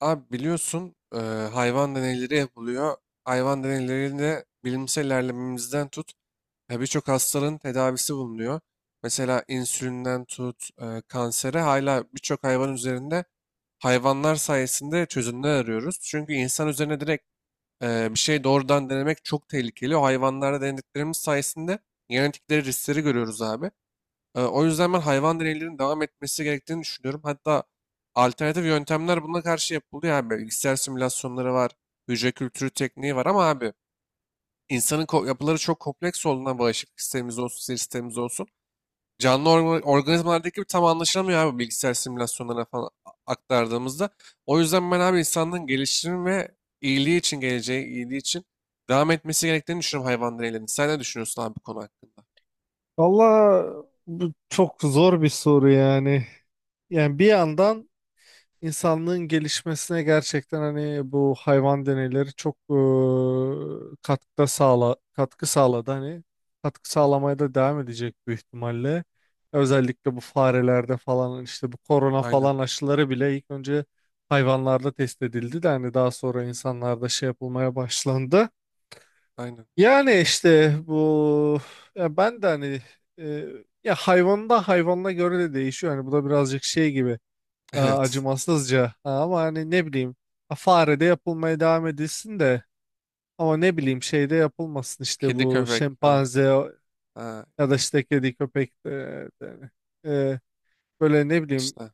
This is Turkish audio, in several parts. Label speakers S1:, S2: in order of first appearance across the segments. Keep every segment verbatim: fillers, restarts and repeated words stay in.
S1: Abi biliyorsun eee, hayvan deneyleri yapılıyor. Hayvan deneylerinde bilimsel ilerlememizden tut ya birçok hastalığın tedavisi bulunuyor. Mesela insülinden tut eee, kansere hala birçok hayvan üzerinde hayvanlar sayesinde çözümler arıyoruz. Çünkü insan üzerine direkt eee, bir şey doğrudan denemek çok tehlikeli. O hayvanlarda denediklerimiz sayesinde genetikleri riskleri görüyoruz abi. Ee, o yüzden ben hayvan deneylerinin devam etmesi gerektiğini düşünüyorum. Hatta alternatif yöntemler buna karşı yapılıyor abi. Bilgisayar simülasyonları var, hücre kültürü tekniği var ama abi insanın ko- yapıları çok kompleks olduğundan bağışıklık sistemimiz olsun, sinir sistemimiz olsun. Canlı orga- organizmalardaki gibi tam anlaşılamıyor abi bilgisayar simülasyonlarına falan a- aktardığımızda. O yüzden ben abi insanlığın gelişimi ve iyiliği için, geleceği iyiliği için devam etmesi gerektiğini düşünüyorum hayvan deneylerinin. Sen ne düşünüyorsun abi bu konu hakkında?
S2: Valla bu çok zor bir soru yani. Yani bir yandan insanlığın gelişmesine gerçekten hani bu hayvan deneyleri çok eee, katkıda sağla katkı sağladı, hani katkı sağlamaya da devam edecek büyük ihtimalle. Özellikle bu farelerde falan işte bu korona
S1: Aynen,
S2: falan aşıları bile ilk önce hayvanlarda test edildi de hani daha sonra insanlarda şey yapılmaya başlandı.
S1: aynen.
S2: Yani işte bu, ya ben de hani, e, ya hayvanda hayvanla göre de değişiyor. Hani bu da birazcık şey gibi, e,
S1: Evet.
S2: acımasızca. Ha, ama hani ne bileyim, ha, fare de yapılmaya devam edilsin de, ama ne bileyim şey de yapılmasın, işte
S1: Kedi
S2: bu
S1: köpek falan.
S2: şempanze
S1: Ha,
S2: ya da işte kedi köpek de, de- hani. e, Böyle ne bileyim,
S1: işte.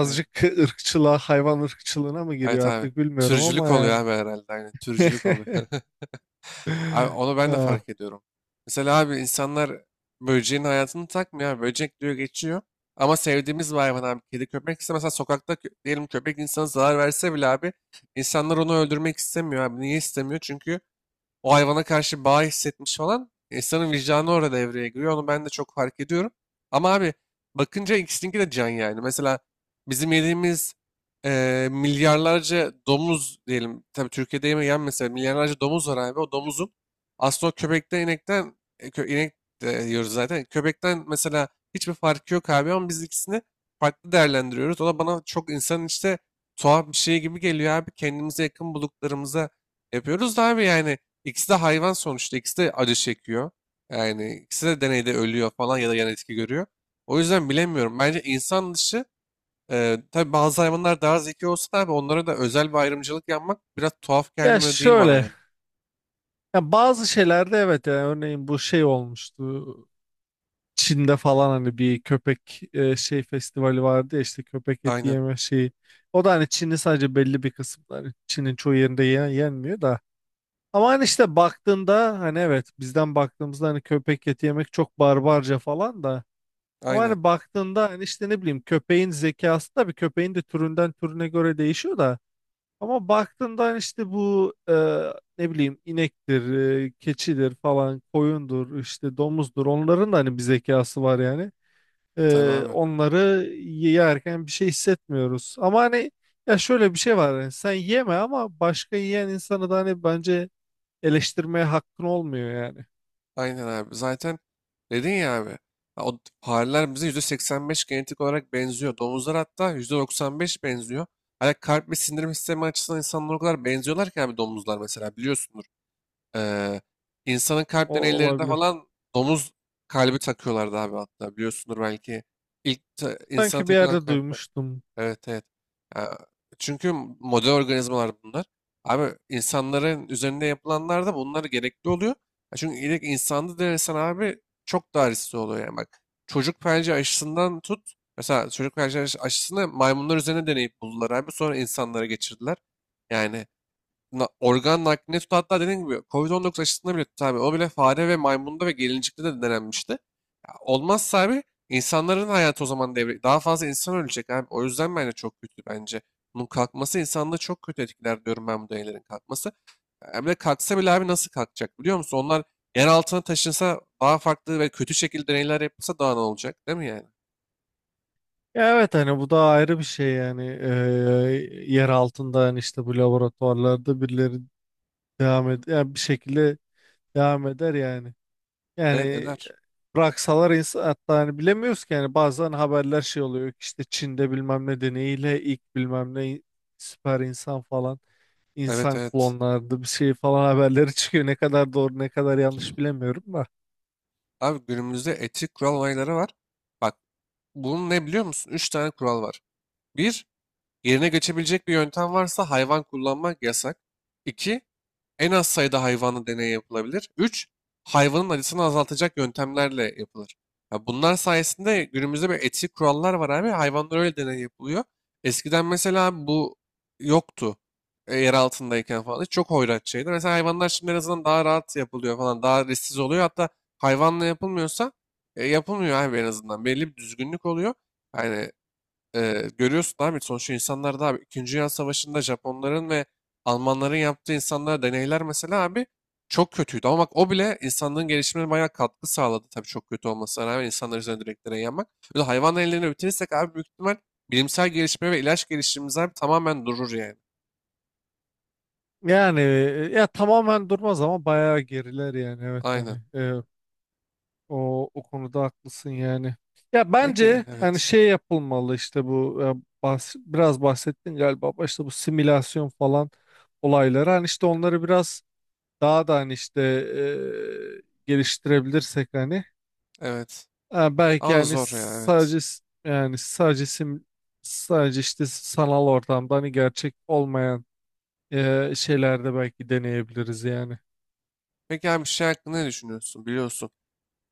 S1: Aynen.
S2: ırkçılığa, hayvan ırkçılığına mı
S1: Evet
S2: giriyor
S1: abi.
S2: artık bilmiyorum, ama
S1: Türcülük oluyor
S2: yani.
S1: abi herhalde. Aynen. Türcülük oluyor. Abi onu ben de
S2: E,
S1: fark ediyorum. Mesela abi insanlar böceğin hayatını takmıyor abi. Böcek diyor geçiyor. Ama sevdiğimiz bir hayvan abi. Kedi köpek ise mesela sokakta kö- diyelim köpek insana zarar verse bile abi insanlar onu öldürmek istemiyor abi. Niye istemiyor? Çünkü o hayvana karşı bağ hissetmiş falan insanın vicdanı orada devreye giriyor. Onu ben de çok fark ediyorum. Ama abi bakınca ikisininki de can yani. Mesela bizim yediğimiz eee, milyarlarca domuz diyelim. Tabii Türkiye'de yemeyen mesela milyarlarca domuz var abi. O domuzun aslında o köpekten inekten e, kö- inek de yiyoruz zaten. Köpekten mesela hiçbir farkı yok abi ama biz ikisini farklı değerlendiriyoruz. O da bana çok insanın işte tuhaf bir şey gibi geliyor abi. Kendimize yakın bulduklarımıza yapıyoruz da abi yani İkisi de hayvan sonuçta. İkisi de acı çekiyor. Yani ikisi de deneyde ölüyor falan ya da yan etki görüyor. O yüzden bilemiyorum. Bence insan dışı e, tabii bazı hayvanlar daha zeki olsa da abi onlara da özel bir ayrımcılık yapmak biraz tuhaf
S2: Ya
S1: gelmiyor değil bana
S2: şöyle.
S1: yani.
S2: Ya bazı şeylerde evet, yani örneğin bu şey olmuştu. Çin'de falan hani bir köpek, e, şey festivali vardı ya, işte köpek eti
S1: Aynen.
S2: yeme şeyi. O da hani Çin'in sadece belli bir kısımları. Hani Çin'in çoğu yerinde yen- yenmiyor da. Ama hani işte baktığında, hani evet, bizden baktığımızda hani köpek eti yemek çok barbarca falan da. Ama
S1: Aynen.
S2: hani baktığında hani işte ne bileyim, köpeğin zekası da, bir köpeğin de türünden türüne göre değişiyor da. Ama baktığında hani işte bu, e, ne bileyim inektir, e, keçidir falan, koyundur, işte domuzdur. Onların da hani bir zekası var yani.
S1: Tabii
S2: E,
S1: abi.
S2: onları yerken bir şey hissetmiyoruz. Ama hani, ya şöyle bir şey var. Yani sen yeme, ama başka yiyen insanı da hani bence eleştirmeye hakkın olmuyor yani.
S1: Aynen abi. Zaten dedin ya abi. Ha, o fareler bize yüzde seksen beş genetik olarak benziyor. Domuzlar hatta yüzde doksan beş benziyor. Hani kalp ve sindirim sistemi açısından insanlar o kadar benziyorlar ki abi domuzlar mesela biliyorsundur. Ee, insanın kalp
S2: O
S1: deneylerinde
S2: olabilir.
S1: falan domuz kalbi takıyorlardı abi hatta biliyorsundur belki. İlk ta- insana
S2: Sanki bir
S1: takılan
S2: yerde
S1: kalpler.
S2: duymuştum.
S1: Evet evet. Ya, çünkü model organizmalar bunlar. Abi insanların üzerinde yapılanlar da bunlar gerekli oluyor. Ya çünkü ilk insanda denesen abi çok daha riskli oluyor yani bak. Çocuk felci aşısından tut. Mesela çocuk felci aş- aşısını maymunlar üzerine deneyip buldular abi. Sonra insanlara geçirdiler. Yani na- organ naklini tut hatta dediğim gibi covid dokuz aşısında bile tut abi. O bile fare ve maymunda ve gelincikte de denenmişti. Ya olmazsa abi insanların hayatı o zaman devre daha fazla insan ölecek abi. O yüzden bence çok kötü bence. Bunun kalkması insanlığı çok kötü etkiler diyorum ben bu deneylerin kalkması. Ya bir de kalksa bile abi nasıl kalkacak biliyor musun? Onlar yer altına taşınsa daha farklı ve kötü şekilde deneyler yapılsa daha ne olacak değil mi yani?
S2: Ya evet, hani bu da ayrı bir şey yani. E, yer altında hani işte bu laboratuvarlarda birileri devam et, yani bir şekilde devam eder yani.
S1: Evet
S2: Yani
S1: eder.
S2: bıraksalar insan, hatta hani bilemiyoruz ki yani, bazen haberler şey oluyor ki, işte Çin'de bilmem ne deneyiyle ilk bilmem ne süper insan falan,
S1: Evet
S2: insan
S1: evet.
S2: klonlardı bir şey falan haberleri çıkıyor. Ne kadar doğru ne kadar yanlış bilemiyorum da.
S1: Abi günümüzde etik kural olayları var. Bak bunun ne biliyor musun? Üç tane kural var. Bir Yerine geçebilecek bir yöntem varsa hayvan kullanmak yasak. iki. En az sayıda hayvanla deney yapılabilir. Üç Hayvanın acısını azaltacak yöntemlerle yapılır. Ya bunlar sayesinde günümüzde bir etik kurallar var abi. Hayvanlar öyle deney yapılıyor. Eskiden mesela bu yoktu. E, yer altındayken falan. Çok hoyrat şeydi. Mesela hayvanlar şimdi en azından daha rahat yapılıyor falan. Daha risksiz oluyor. Hatta hayvanla yapılmıyorsa e, yapılmıyor abi en azından. Belli bir düzgünlük oluyor. Yani ee, görüyorsun abi sonuçta insanlar da abi ikinci. Dünya Savaşı'nda Japonların ve Almanların yaptığı insanlara deneyler mesela abi çok kötüydü. Ama bak o bile insanlığın gelişimine bayağı katkı sağladı tabii çok kötü olmasına rağmen insanlar üzerine direkt deney yapmak. Böyle hayvan ellerini bitirirsek abi büyük ihtimal bilimsel gelişme ve ilaç gelişimimiz abi tamamen durur yani.
S2: Yani e, ya tamamen durmaz ama bayağı geriler yani, evet
S1: Aynen.
S2: hani. e, O, o konuda haklısın yani. Ya
S1: Peki
S2: bence hani
S1: evet.
S2: şey yapılmalı, işte bu, e, bahs- biraz bahsettin galiba başta, bu simülasyon falan olayları hani işte onları biraz daha da hani işte, e, geliştirebilirsek hani,
S1: Evet.
S2: e, belki
S1: Ama
S2: yani
S1: zor ya evet.
S2: sadece s- yani sadece sim sadece işte sanal ortamda hani gerçek olmayan e, şeylerde belki deneyebiliriz yani.
S1: Peki abi bir şey hakkında ne düşünüyorsun biliyorsun.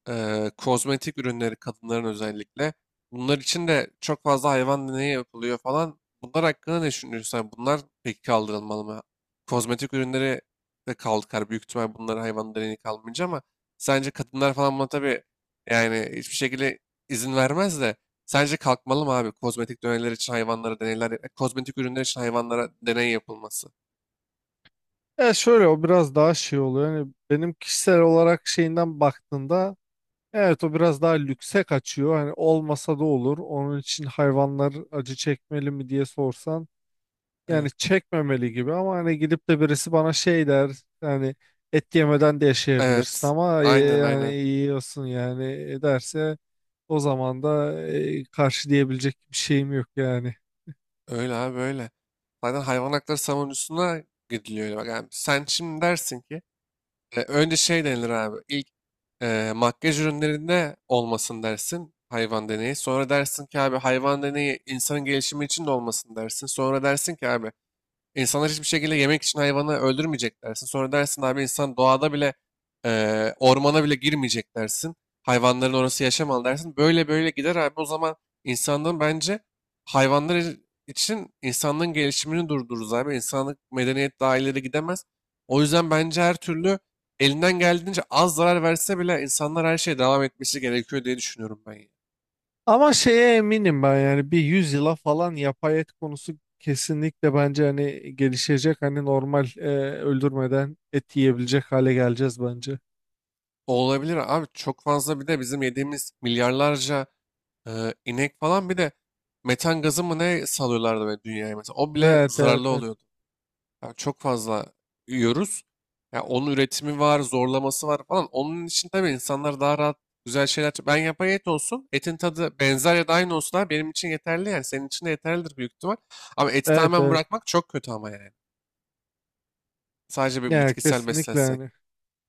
S1: Eee, kozmetik ürünleri kadınların özellikle. Bunlar için de çok fazla hayvan deneyi yapılıyor falan. Bunlar hakkında ne düşünüyorsun? Yani bunlar peki kaldırılmalı mı? Kozmetik ürünleri de kalkar. Büyük ihtimal bunlara hayvan deneyi kalmayınca ama sence kadınlar falan buna tabii yani hiçbir şekilde izin vermez de sence kalkmalı mı abi? Kozmetik deneyler için hayvanlara deneyler, e, kozmetik ürünler için hayvanlara deney yapılması.
S2: Ya şöyle, o biraz daha şey oluyor. Hani benim kişisel olarak şeyinden baktığında evet, o biraz daha lükse kaçıyor. Hani olmasa da olur. Onun için hayvanlar acı çekmeli mi diye sorsan, yani
S1: Evet.
S2: çekmemeli gibi, ama hani gidip de birisi bana şey der yani, et yemeden de yaşayabilirsin
S1: Evet.
S2: ama, e,
S1: Aynen
S2: yani
S1: aynen.
S2: yiyorsun yani, e, derse o zaman da e, karşı diyebilecek bir şeyim yok yani.
S1: Öyle abi öyle. Zaten hayvan hakları savunucusuna gidiliyor. Öyle. Bak yani sen şimdi dersin ki e, önce şey denilir abi. İlk e, makyaj ürünlerinde olmasın dersin hayvan deneyi. Sonra dersin ki abi hayvan deneyi insanın gelişimi için de olmasın dersin. Sonra dersin ki abi İnsanlar hiçbir şekilde yemek için hayvanı öldürmeyecek dersin. Sonra dersin abi insan doğada bile eee, ormana bile girmeyecek dersin. Hayvanların orası yaşamalı dersin. Böyle böyle gider abi. O zaman insanlığın bence hayvanlar i- için insanlığın gelişimini durdururuz abi. İnsanlık medeniyet daha ileri gidemez. O yüzden bence her türlü elinden geldiğince az zarar verse bile insanlar her şeye devam etmesi gerekiyor diye düşünüyorum ben. Ya.
S2: Ama şeye eminim ben, yani bir yüz yıla falan yapay et konusu kesinlikle bence hani gelişecek. Hani normal, e, öldürmeden et yiyebilecek hale geleceğiz bence.
S1: Olabilir abi çok fazla bir de bizim yediğimiz milyarlarca e, inek falan bir de metan gazı mı ne salıyorlardı böyle dünyaya mesela o bile
S2: Evet, evet,
S1: zararlı
S2: evet.
S1: oluyordu. Yani çok fazla yiyoruz. Ya onun üretimi var, zorlaması var falan. Onun için tabii insanlar daha rahat güzel şeyler. Ben yapay et olsun, etin tadı benzer ya da aynı olsun abi benim için yeterli yani senin için de yeterlidir büyük ihtimal. Ama eti
S2: Evet,
S1: tamamen
S2: evet.
S1: bırakmak çok kötü ama yani. Sadece bir
S2: Yani
S1: bitkisel
S2: kesinlikle
S1: beslensek.
S2: yani.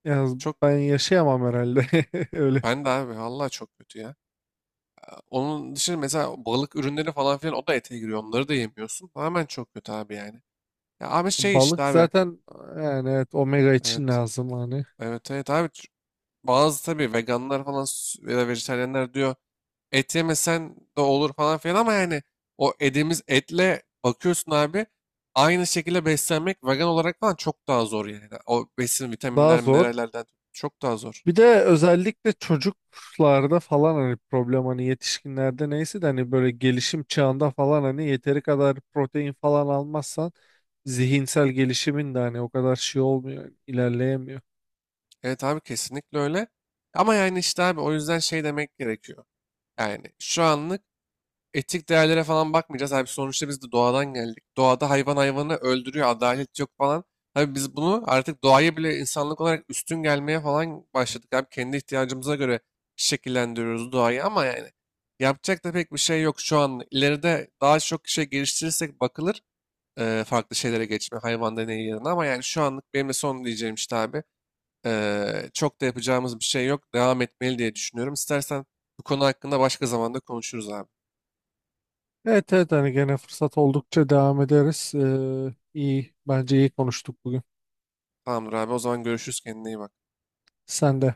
S2: Ya,
S1: Çok
S2: ben yaşayamam herhalde öyle.
S1: ben de abi vallahi çok kötü ya. Onun dışında mesela balık ürünleri falan filan o da ete giriyor. Onları da yemiyorsun. Tamamen çok kötü abi yani. Ya abi şey işte
S2: Balık
S1: abi.
S2: zaten, yani evet, omega için
S1: Evet.
S2: lazım hani.
S1: Evet evet abi. Ç- Bazı tabii veganlar falan s- ya da vejetaryenler diyor et yemesen de olur falan filan ama yani o yediğimiz etle bakıyorsun abi aynı şekilde beslenmek vegan olarak falan çok daha zor yani. O besin
S2: Daha
S1: vitaminler
S2: zor.
S1: minerallerden çok daha zor.
S2: Bir de özellikle çocuklarda falan hani problem, hani yetişkinlerde neyse de, hani böyle gelişim çağında falan hani yeteri kadar protein falan almazsan zihinsel gelişimin de hani o kadar şey olmuyor, ilerleyemiyor.
S1: Evet abi kesinlikle öyle. Ama yani işte abi o yüzden şey demek gerekiyor. Yani şu anlık etik değerlere falan bakmayacağız. Abi sonuçta biz de doğadan geldik. Doğada hayvan hayvanı öldürüyor, adalet yok falan. Abi biz bunu artık doğaya bile insanlık olarak üstün gelmeye falan başladık. Abi kendi ihtiyacımıza göre şekillendiriyoruz doğayı ama yani yapacak da pek bir şey yok şu an. İleride daha çok şey geliştirirsek bakılır eee, farklı şeylere geçme hayvan deneyi yerine ama yani şu anlık benim de son diyeceğim işte abi. Eee, çok da yapacağımız bir şey yok. Devam etmeli diye düşünüyorum. İstersen bu konu hakkında başka zamanda konuşuruz abi.
S2: Evet evet, hani gene fırsat oldukça devam ederiz. Ee, iyi, bence iyi konuştuk bugün.
S1: Tamamdır abi o zaman görüşürüz kendine iyi bak.
S2: Sen de.